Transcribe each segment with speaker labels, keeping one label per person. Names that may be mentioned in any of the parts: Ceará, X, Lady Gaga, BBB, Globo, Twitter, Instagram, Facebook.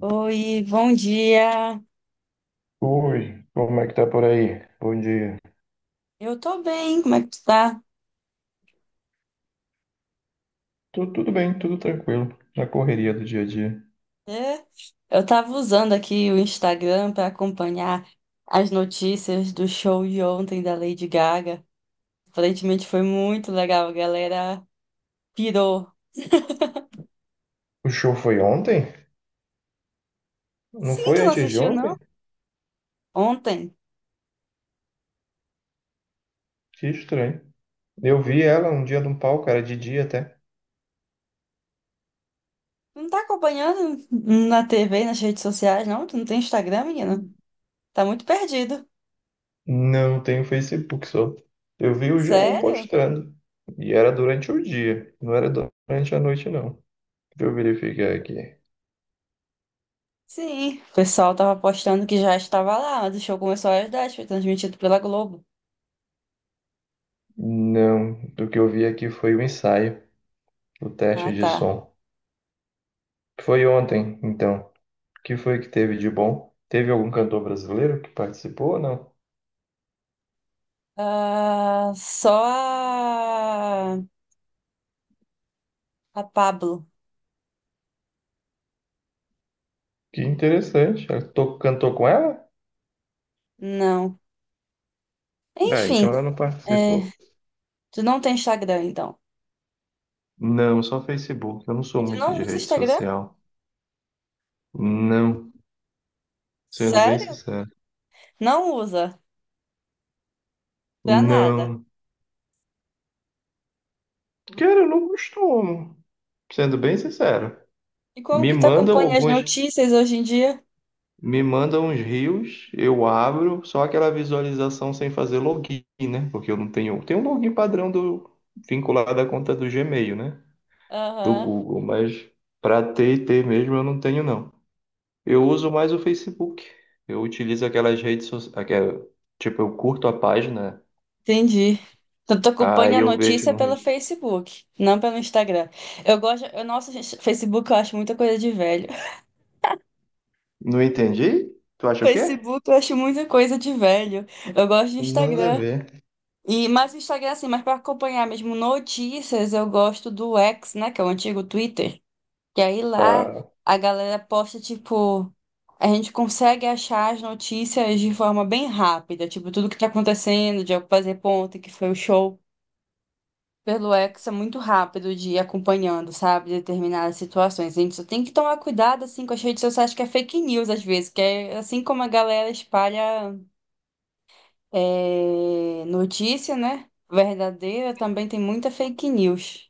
Speaker 1: Oi, bom dia.
Speaker 2: Oi, como é que tá por aí? Bom dia.
Speaker 1: Eu tô bem, como é que tu tá?
Speaker 2: Tudo bem, tudo tranquilo, na correria do dia a dia.
Speaker 1: É, eu tava usando aqui o Instagram pra acompanhar as notícias do show de ontem da Lady Gaga. Aparentemente foi muito legal, a galera pirou.
Speaker 2: O show foi ontem? Não
Speaker 1: Sim,
Speaker 2: foi
Speaker 1: tu não
Speaker 2: antes de
Speaker 1: assistiu,
Speaker 2: ontem?
Speaker 1: não? Ontem.
Speaker 2: Que estranho. Eu vi ela um dia num palco, era de dia até.
Speaker 1: Tu não tá acompanhando na TV, nas redes sociais, não? Tu não tem Instagram, menina? Tá muito perdido.
Speaker 2: Não tenho Facebook só. Eu vi o G1
Speaker 1: Sério?
Speaker 2: postando. E era durante o dia, não era durante a noite, não. Deixa eu verificar aqui.
Speaker 1: Sim, o pessoal tava postando que já estava lá, mas o show começou às 10, foi transmitido pela Globo.
Speaker 2: Não, o que eu vi aqui foi o ensaio, o
Speaker 1: Ah,
Speaker 2: teste de
Speaker 1: tá.
Speaker 2: som. Foi ontem, então. Que foi que teve de bom? Teve algum cantor brasileiro que participou ou não?
Speaker 1: Ah, só a Pablo.
Speaker 2: Que interessante. Cantou com ela?
Speaker 1: Não.
Speaker 2: Ah,
Speaker 1: Enfim,
Speaker 2: então ela não
Speaker 1: é,
Speaker 2: participou.
Speaker 1: tu não tem Instagram, então.
Speaker 2: Não, só Facebook. Eu não sou
Speaker 1: E tu
Speaker 2: muito
Speaker 1: não
Speaker 2: de
Speaker 1: usa
Speaker 2: rede
Speaker 1: Instagram?
Speaker 2: social. Não, sendo bem
Speaker 1: Sério?
Speaker 2: sincero.
Speaker 1: Não usa. Pra nada.
Speaker 2: Não. Cara, eu não costumo. Sendo bem sincero.
Speaker 1: E como
Speaker 2: Me
Speaker 1: que tu
Speaker 2: mandam
Speaker 1: acompanha as
Speaker 2: alguns,
Speaker 1: notícias hoje em dia?
Speaker 2: Me mandam uns rios, eu abro, só aquela visualização sem fazer login, né? Porque eu não tenho, tem um login padrão do vinculado à conta do Gmail, né? Do
Speaker 1: Aham,
Speaker 2: Google, mas para T e ter mesmo eu não tenho não. Eu uso mais o Facebook. Eu utilizo aquelas redes sociais, tipo, eu curto a página,
Speaker 1: entendi. Então, tu acompanha
Speaker 2: aí
Speaker 1: a
Speaker 2: eu vejo
Speaker 1: notícia
Speaker 2: no
Speaker 1: pelo
Speaker 2: resto.
Speaker 1: Facebook, não pelo Instagram. Eu gosto. Eu, nossa, gente, Facebook eu acho muita coisa de velho.
Speaker 2: Não entendi? Tu acha o quê?
Speaker 1: Facebook eu acho muita coisa de velho. Eu gosto de
Speaker 2: Nada a
Speaker 1: Instagram.
Speaker 2: ver.
Speaker 1: E, mas o Instagram, assim, mas para acompanhar mesmo notícias, eu gosto do X, né? Que é o antigo Twitter. Que aí lá
Speaker 2: Ah,
Speaker 1: a galera posta, tipo, a gente consegue achar as notícias de forma bem rápida, tipo, tudo que tá acontecendo, de fazer ponto, que foi o show. Pelo X é muito rápido de ir acompanhando, sabe, determinadas situações. A gente só tem que tomar cuidado, assim, com as redes sociais que é fake news, às vezes, que é assim como a galera espalha é, notícia, né? Verdadeira, também tem muita fake news.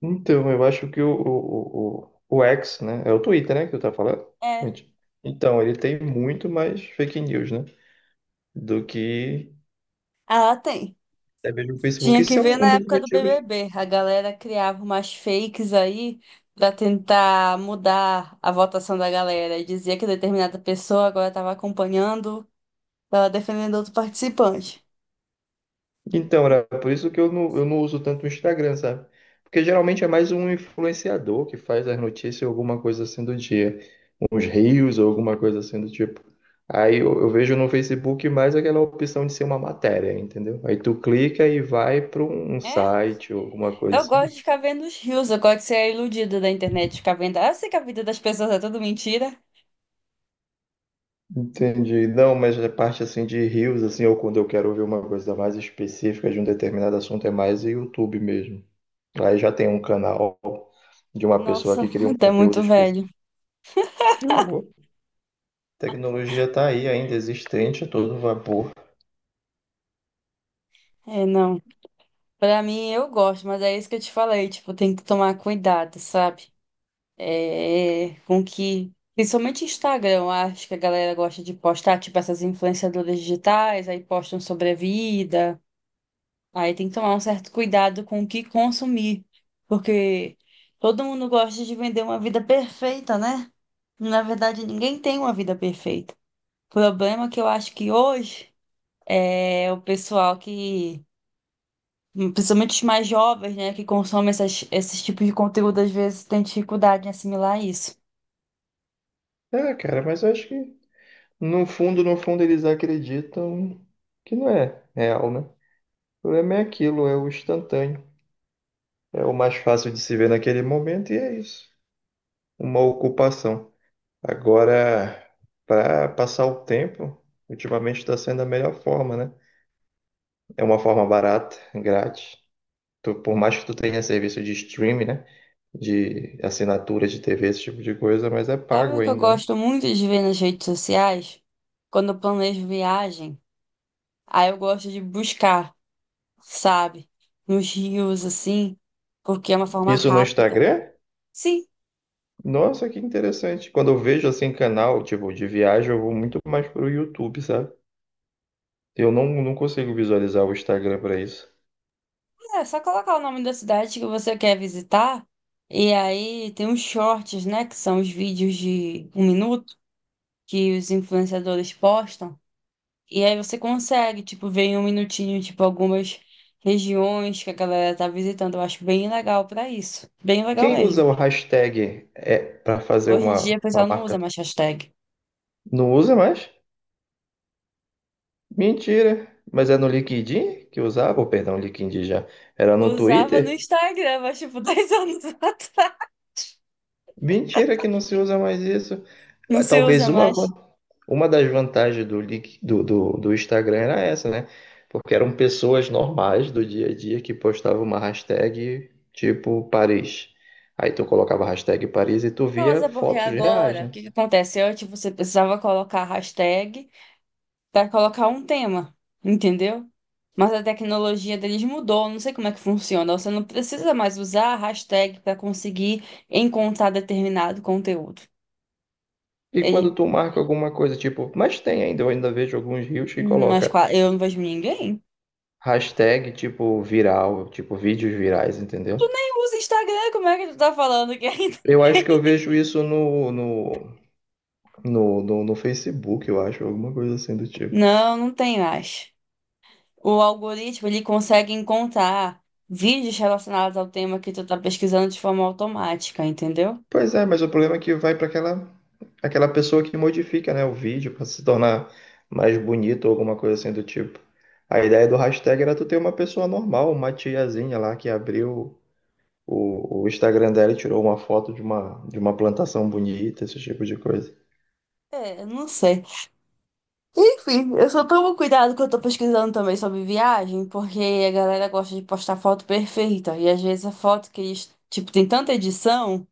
Speaker 2: então, eu acho que o X, né? É o Twitter, né? Que tu tá falando?
Speaker 1: É.
Speaker 2: Gente, então, ele tem muito mais fake news, né? Do que
Speaker 1: Ah, tem.
Speaker 2: até mesmo o Facebook.
Speaker 1: Tinha que
Speaker 2: Isso é
Speaker 1: ver
Speaker 2: um
Speaker 1: na
Speaker 2: um dos
Speaker 1: época do
Speaker 2: motivos.
Speaker 1: BBB. A galera criava umas fakes aí pra tentar mudar a votação da galera. E dizia que determinada pessoa agora estava acompanhando, estava defendendo outro participante.
Speaker 2: Então, era por isso que eu não uso tanto o Instagram, sabe? Porque geralmente é mais um influenciador que faz as notícias ou alguma coisa assim do dia. Uns reels ou alguma coisa assim do tipo. Aí eu vejo no Facebook mais aquela opção de ser uma matéria, entendeu? Aí tu clica e vai para um um
Speaker 1: É?
Speaker 2: site ou alguma coisa
Speaker 1: Eu
Speaker 2: assim do
Speaker 1: gosto de
Speaker 2: tipo.
Speaker 1: ficar vendo os rios. Eu gosto de ser a iludida da internet. Ficar vendo. Ah, eu sei que a vida das pessoas é tudo mentira.
Speaker 2: Entendi. Não, mas a parte assim de reels, assim, ou quando eu quero ouvir uma coisa mais específica de um determinado assunto, é mais o YouTube mesmo. Aí já tem um canal de uma pessoa
Speaker 1: Nossa,
Speaker 2: que cria um
Speaker 1: tá
Speaker 2: conteúdo
Speaker 1: muito
Speaker 2: específico.
Speaker 1: velho.
Speaker 2: Que horror. Tecnologia tá aí ainda existente, a todo vapor.
Speaker 1: É, não. Pra mim, eu gosto, mas é isso que eu te falei, tipo, tem que tomar cuidado, sabe? É, com que, principalmente Instagram, eu acho que a galera gosta de postar, tipo, essas influenciadoras digitais, aí postam sobre a vida, aí tem que tomar um certo cuidado com o que consumir, porque todo mundo gosta de vender uma vida perfeita, né? Na verdade, ninguém tem uma vida perfeita. O problema é que eu acho que hoje é o pessoal que principalmente os mais jovens, né, que consomem essas, esses tipos de conteúdo, às vezes têm dificuldade em assimilar isso.
Speaker 2: É, cara, mas eu acho que no fundo, no fundo, eles acreditam que não é real, né? O problema é aquilo, é o instantâneo. É o mais fácil de se ver naquele momento e é isso. Uma ocupação. Agora, para passar o tempo, ultimamente está sendo a melhor forma, né? É uma forma barata, grátis. Por mais que tu tenha serviço de streaming, né? De assinatura de TV, esse tipo de coisa, mas é
Speaker 1: Sabe
Speaker 2: pago
Speaker 1: o que eu
Speaker 2: ainda, né?
Speaker 1: gosto muito de ver nas redes sociais? Quando eu planejo viagem, aí eu gosto de buscar, sabe? Nos rios, assim, porque é uma forma
Speaker 2: Isso no
Speaker 1: rápida.
Speaker 2: Instagram?
Speaker 1: Sim,
Speaker 2: Nossa, que interessante. Quando eu vejo assim canal, tipo, de viagem, eu vou muito mais pro YouTube, sabe? Eu não, Não consigo visualizar o Instagram para isso.
Speaker 1: é só colocar o nome da cidade que você quer visitar, e aí tem os shorts, né, que são os vídeos de um minuto que os influenciadores postam. E aí você consegue, tipo, ver em um minutinho, tipo, algumas regiões que a galera tá visitando. Eu acho bem legal pra isso. Bem legal
Speaker 2: Quem usa
Speaker 1: mesmo.
Speaker 2: o hashtag é para fazer
Speaker 1: Hoje em dia o
Speaker 2: uma
Speaker 1: pessoal não
Speaker 2: marca?
Speaker 1: usa mais hashtag.
Speaker 2: Não usa mais? Mentira. Mas é no LinkedIn que usava? Oh, perdão, LinkedIn já. Era no
Speaker 1: Usava no
Speaker 2: Twitter?
Speaker 1: Instagram, mas tipo, 10 anos atrás.
Speaker 2: Mentira que não se usa mais isso.
Speaker 1: Não
Speaker 2: Ah,
Speaker 1: se usa
Speaker 2: talvez
Speaker 1: mais.
Speaker 2: uma das vantagens do, Link- do, do, do Instagram era essa, né? Porque eram pessoas normais do dia a dia que postavam uma hashtag tipo Paris. Aí tu colocava a hashtag Paris e tu
Speaker 1: Não, mas
Speaker 2: via
Speaker 1: é porque
Speaker 2: fotos reais,
Speaker 1: agora, o
Speaker 2: né?
Speaker 1: que que acontece? Antes você precisava colocar hashtag para colocar um tema, entendeu? Mas a tecnologia deles mudou, não sei como é que funciona. Você não precisa mais usar a hashtag para conseguir encontrar determinado conteúdo.
Speaker 2: E
Speaker 1: Ele,
Speaker 2: quando tu marca alguma coisa, tipo, mas tem ainda, eu ainda vejo alguns reels que
Speaker 1: Mas
Speaker 2: coloca
Speaker 1: eu não vejo ninguém.
Speaker 2: hashtag tipo viral, tipo vídeos virais,
Speaker 1: Tu
Speaker 2: entendeu?
Speaker 1: nem usa Instagram, como é que tu tá falando que ainda?
Speaker 2: Eu acho que eu vejo isso no Facebook, eu acho, alguma coisa assim do tipo.
Speaker 1: Não, não tem mais. O algoritmo, ele consegue encontrar vídeos relacionados ao tema que tu tá pesquisando de forma automática, entendeu?
Speaker 2: Pois é, mas o problema é que vai para aquela, aquela pessoa que modifica, né, o vídeo para se tornar mais bonito ou alguma coisa assim do tipo. A ideia do hashtag era tu ter uma pessoa normal, uma tiazinha lá que abriu o Instagram dela e tirou uma foto de uma plantação bonita, esse tipo de coisa.
Speaker 1: É, eu não sei. Enfim, eu só tomo cuidado que eu tô pesquisando também sobre viagem, porque a galera gosta de postar foto perfeita. E às vezes a foto que eles, tipo, tem tanta edição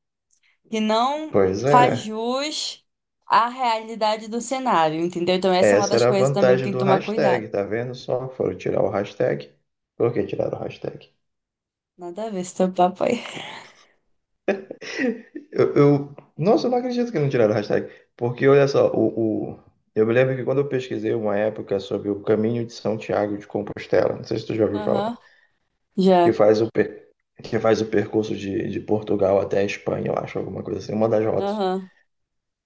Speaker 1: que não
Speaker 2: Pois
Speaker 1: faz
Speaker 2: é,
Speaker 1: jus à realidade do cenário, entendeu? Então essa é uma
Speaker 2: essa
Speaker 1: das
Speaker 2: era a
Speaker 1: coisas também que
Speaker 2: vantagem
Speaker 1: tem que
Speaker 2: do
Speaker 1: tomar cuidado.
Speaker 2: hashtag, tá vendo só? Foram tirar o hashtag. Por que tiraram o hashtag?
Speaker 1: Nada a ver, esse papo aí.
Speaker 2: Nossa, eu não acredito que não tiraram a hashtag. Porque olha só, eu me lembro que quando eu pesquisei uma época sobre o caminho de São Tiago de Compostela, não sei se tu já ouviu falar,
Speaker 1: Aham,
Speaker 2: que
Speaker 1: já.
Speaker 2: faz o, per- que faz o percurso de Portugal até a Espanha, eu acho, alguma coisa assim, uma das rotas.
Speaker 1: Aham.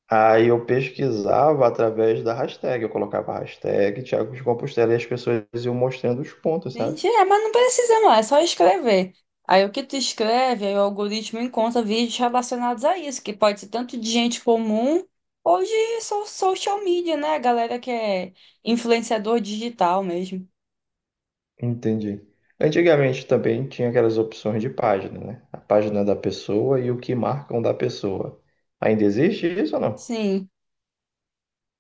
Speaker 2: Aí eu pesquisava através da hashtag, eu colocava a hashtag Tiago de Compostela e as pessoas iam mostrando os pontos, sabe?
Speaker 1: Entendi, é, mas não precisa não, é só escrever. Aí o que tu escreve, aí o algoritmo encontra vídeos relacionados a isso, que pode ser tanto de gente comum ou de social media, né? A galera que é influenciador digital mesmo.
Speaker 2: Entendi. Antigamente também tinha aquelas opções de página, né? A página da pessoa e o que marcam da pessoa. Ainda existe isso ou não?
Speaker 1: Sim,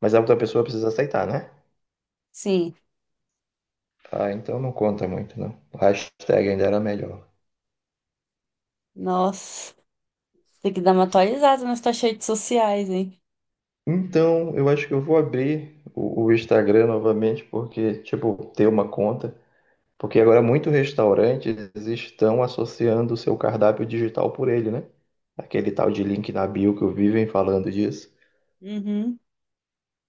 Speaker 2: Mas a outra pessoa precisa aceitar, né?
Speaker 1: sim.
Speaker 2: Ah, então não conta muito, não. O hashtag ainda era melhor.
Speaker 1: Nossa, tem que dar uma atualizada nas tuas redes sociais, hein?
Speaker 2: Então, eu acho que eu vou abrir o Instagram novamente, porque, tipo, ter uma conta. Porque agora muitos restaurantes estão associando o seu cardápio digital por ele, né? Aquele tal de link na bio que eu vivem falando disso.
Speaker 1: Uhum,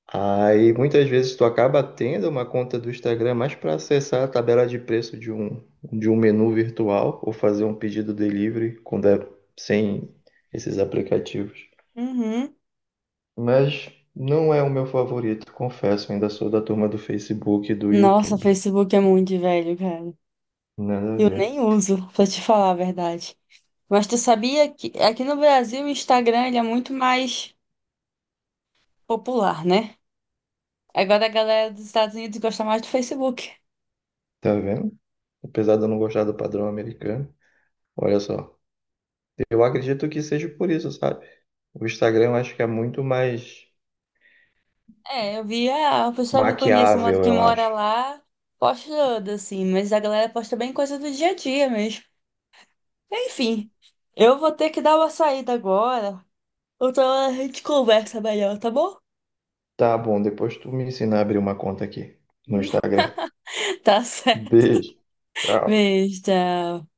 Speaker 2: Aí muitas vezes tu acaba tendo uma conta do Instagram mais para acessar a tabela de preço de um menu virtual ou fazer um pedido delivery quando é sem esses aplicativos.
Speaker 1: uhum.
Speaker 2: Mas não é o meu favorito, confesso, ainda sou da turma do Facebook e do
Speaker 1: Nossa,
Speaker 2: YouTube.
Speaker 1: Facebook é muito velho, cara.
Speaker 2: Nada a
Speaker 1: Eu nem
Speaker 2: ver.
Speaker 1: uso, pra te falar a verdade. Mas tu sabia que aqui no Brasil o Instagram ele é muito mais popular, né? Agora a galera dos Estados Unidos gosta mais do Facebook.
Speaker 2: Tá vendo? Apesar de eu não gostar do padrão americano. Olha só, eu acredito que seja por isso, sabe? O Instagram eu acho que é muito mais
Speaker 1: É, eu vi ah, o pessoal que eu conheço uma
Speaker 2: maquiável,
Speaker 1: que
Speaker 2: eu
Speaker 1: mora
Speaker 2: acho.
Speaker 1: lá postando, assim, mas a galera posta bem coisa do dia a dia mesmo. Enfim, eu vou ter que dar uma saída agora. Outra hora a gente conversa melhor, tá bom?
Speaker 2: Tá bom, depois tu me ensina a abrir uma conta aqui no Instagram.
Speaker 1: Tá certo.
Speaker 2: Beijo. Tchau.
Speaker 1: Beijo, tchau.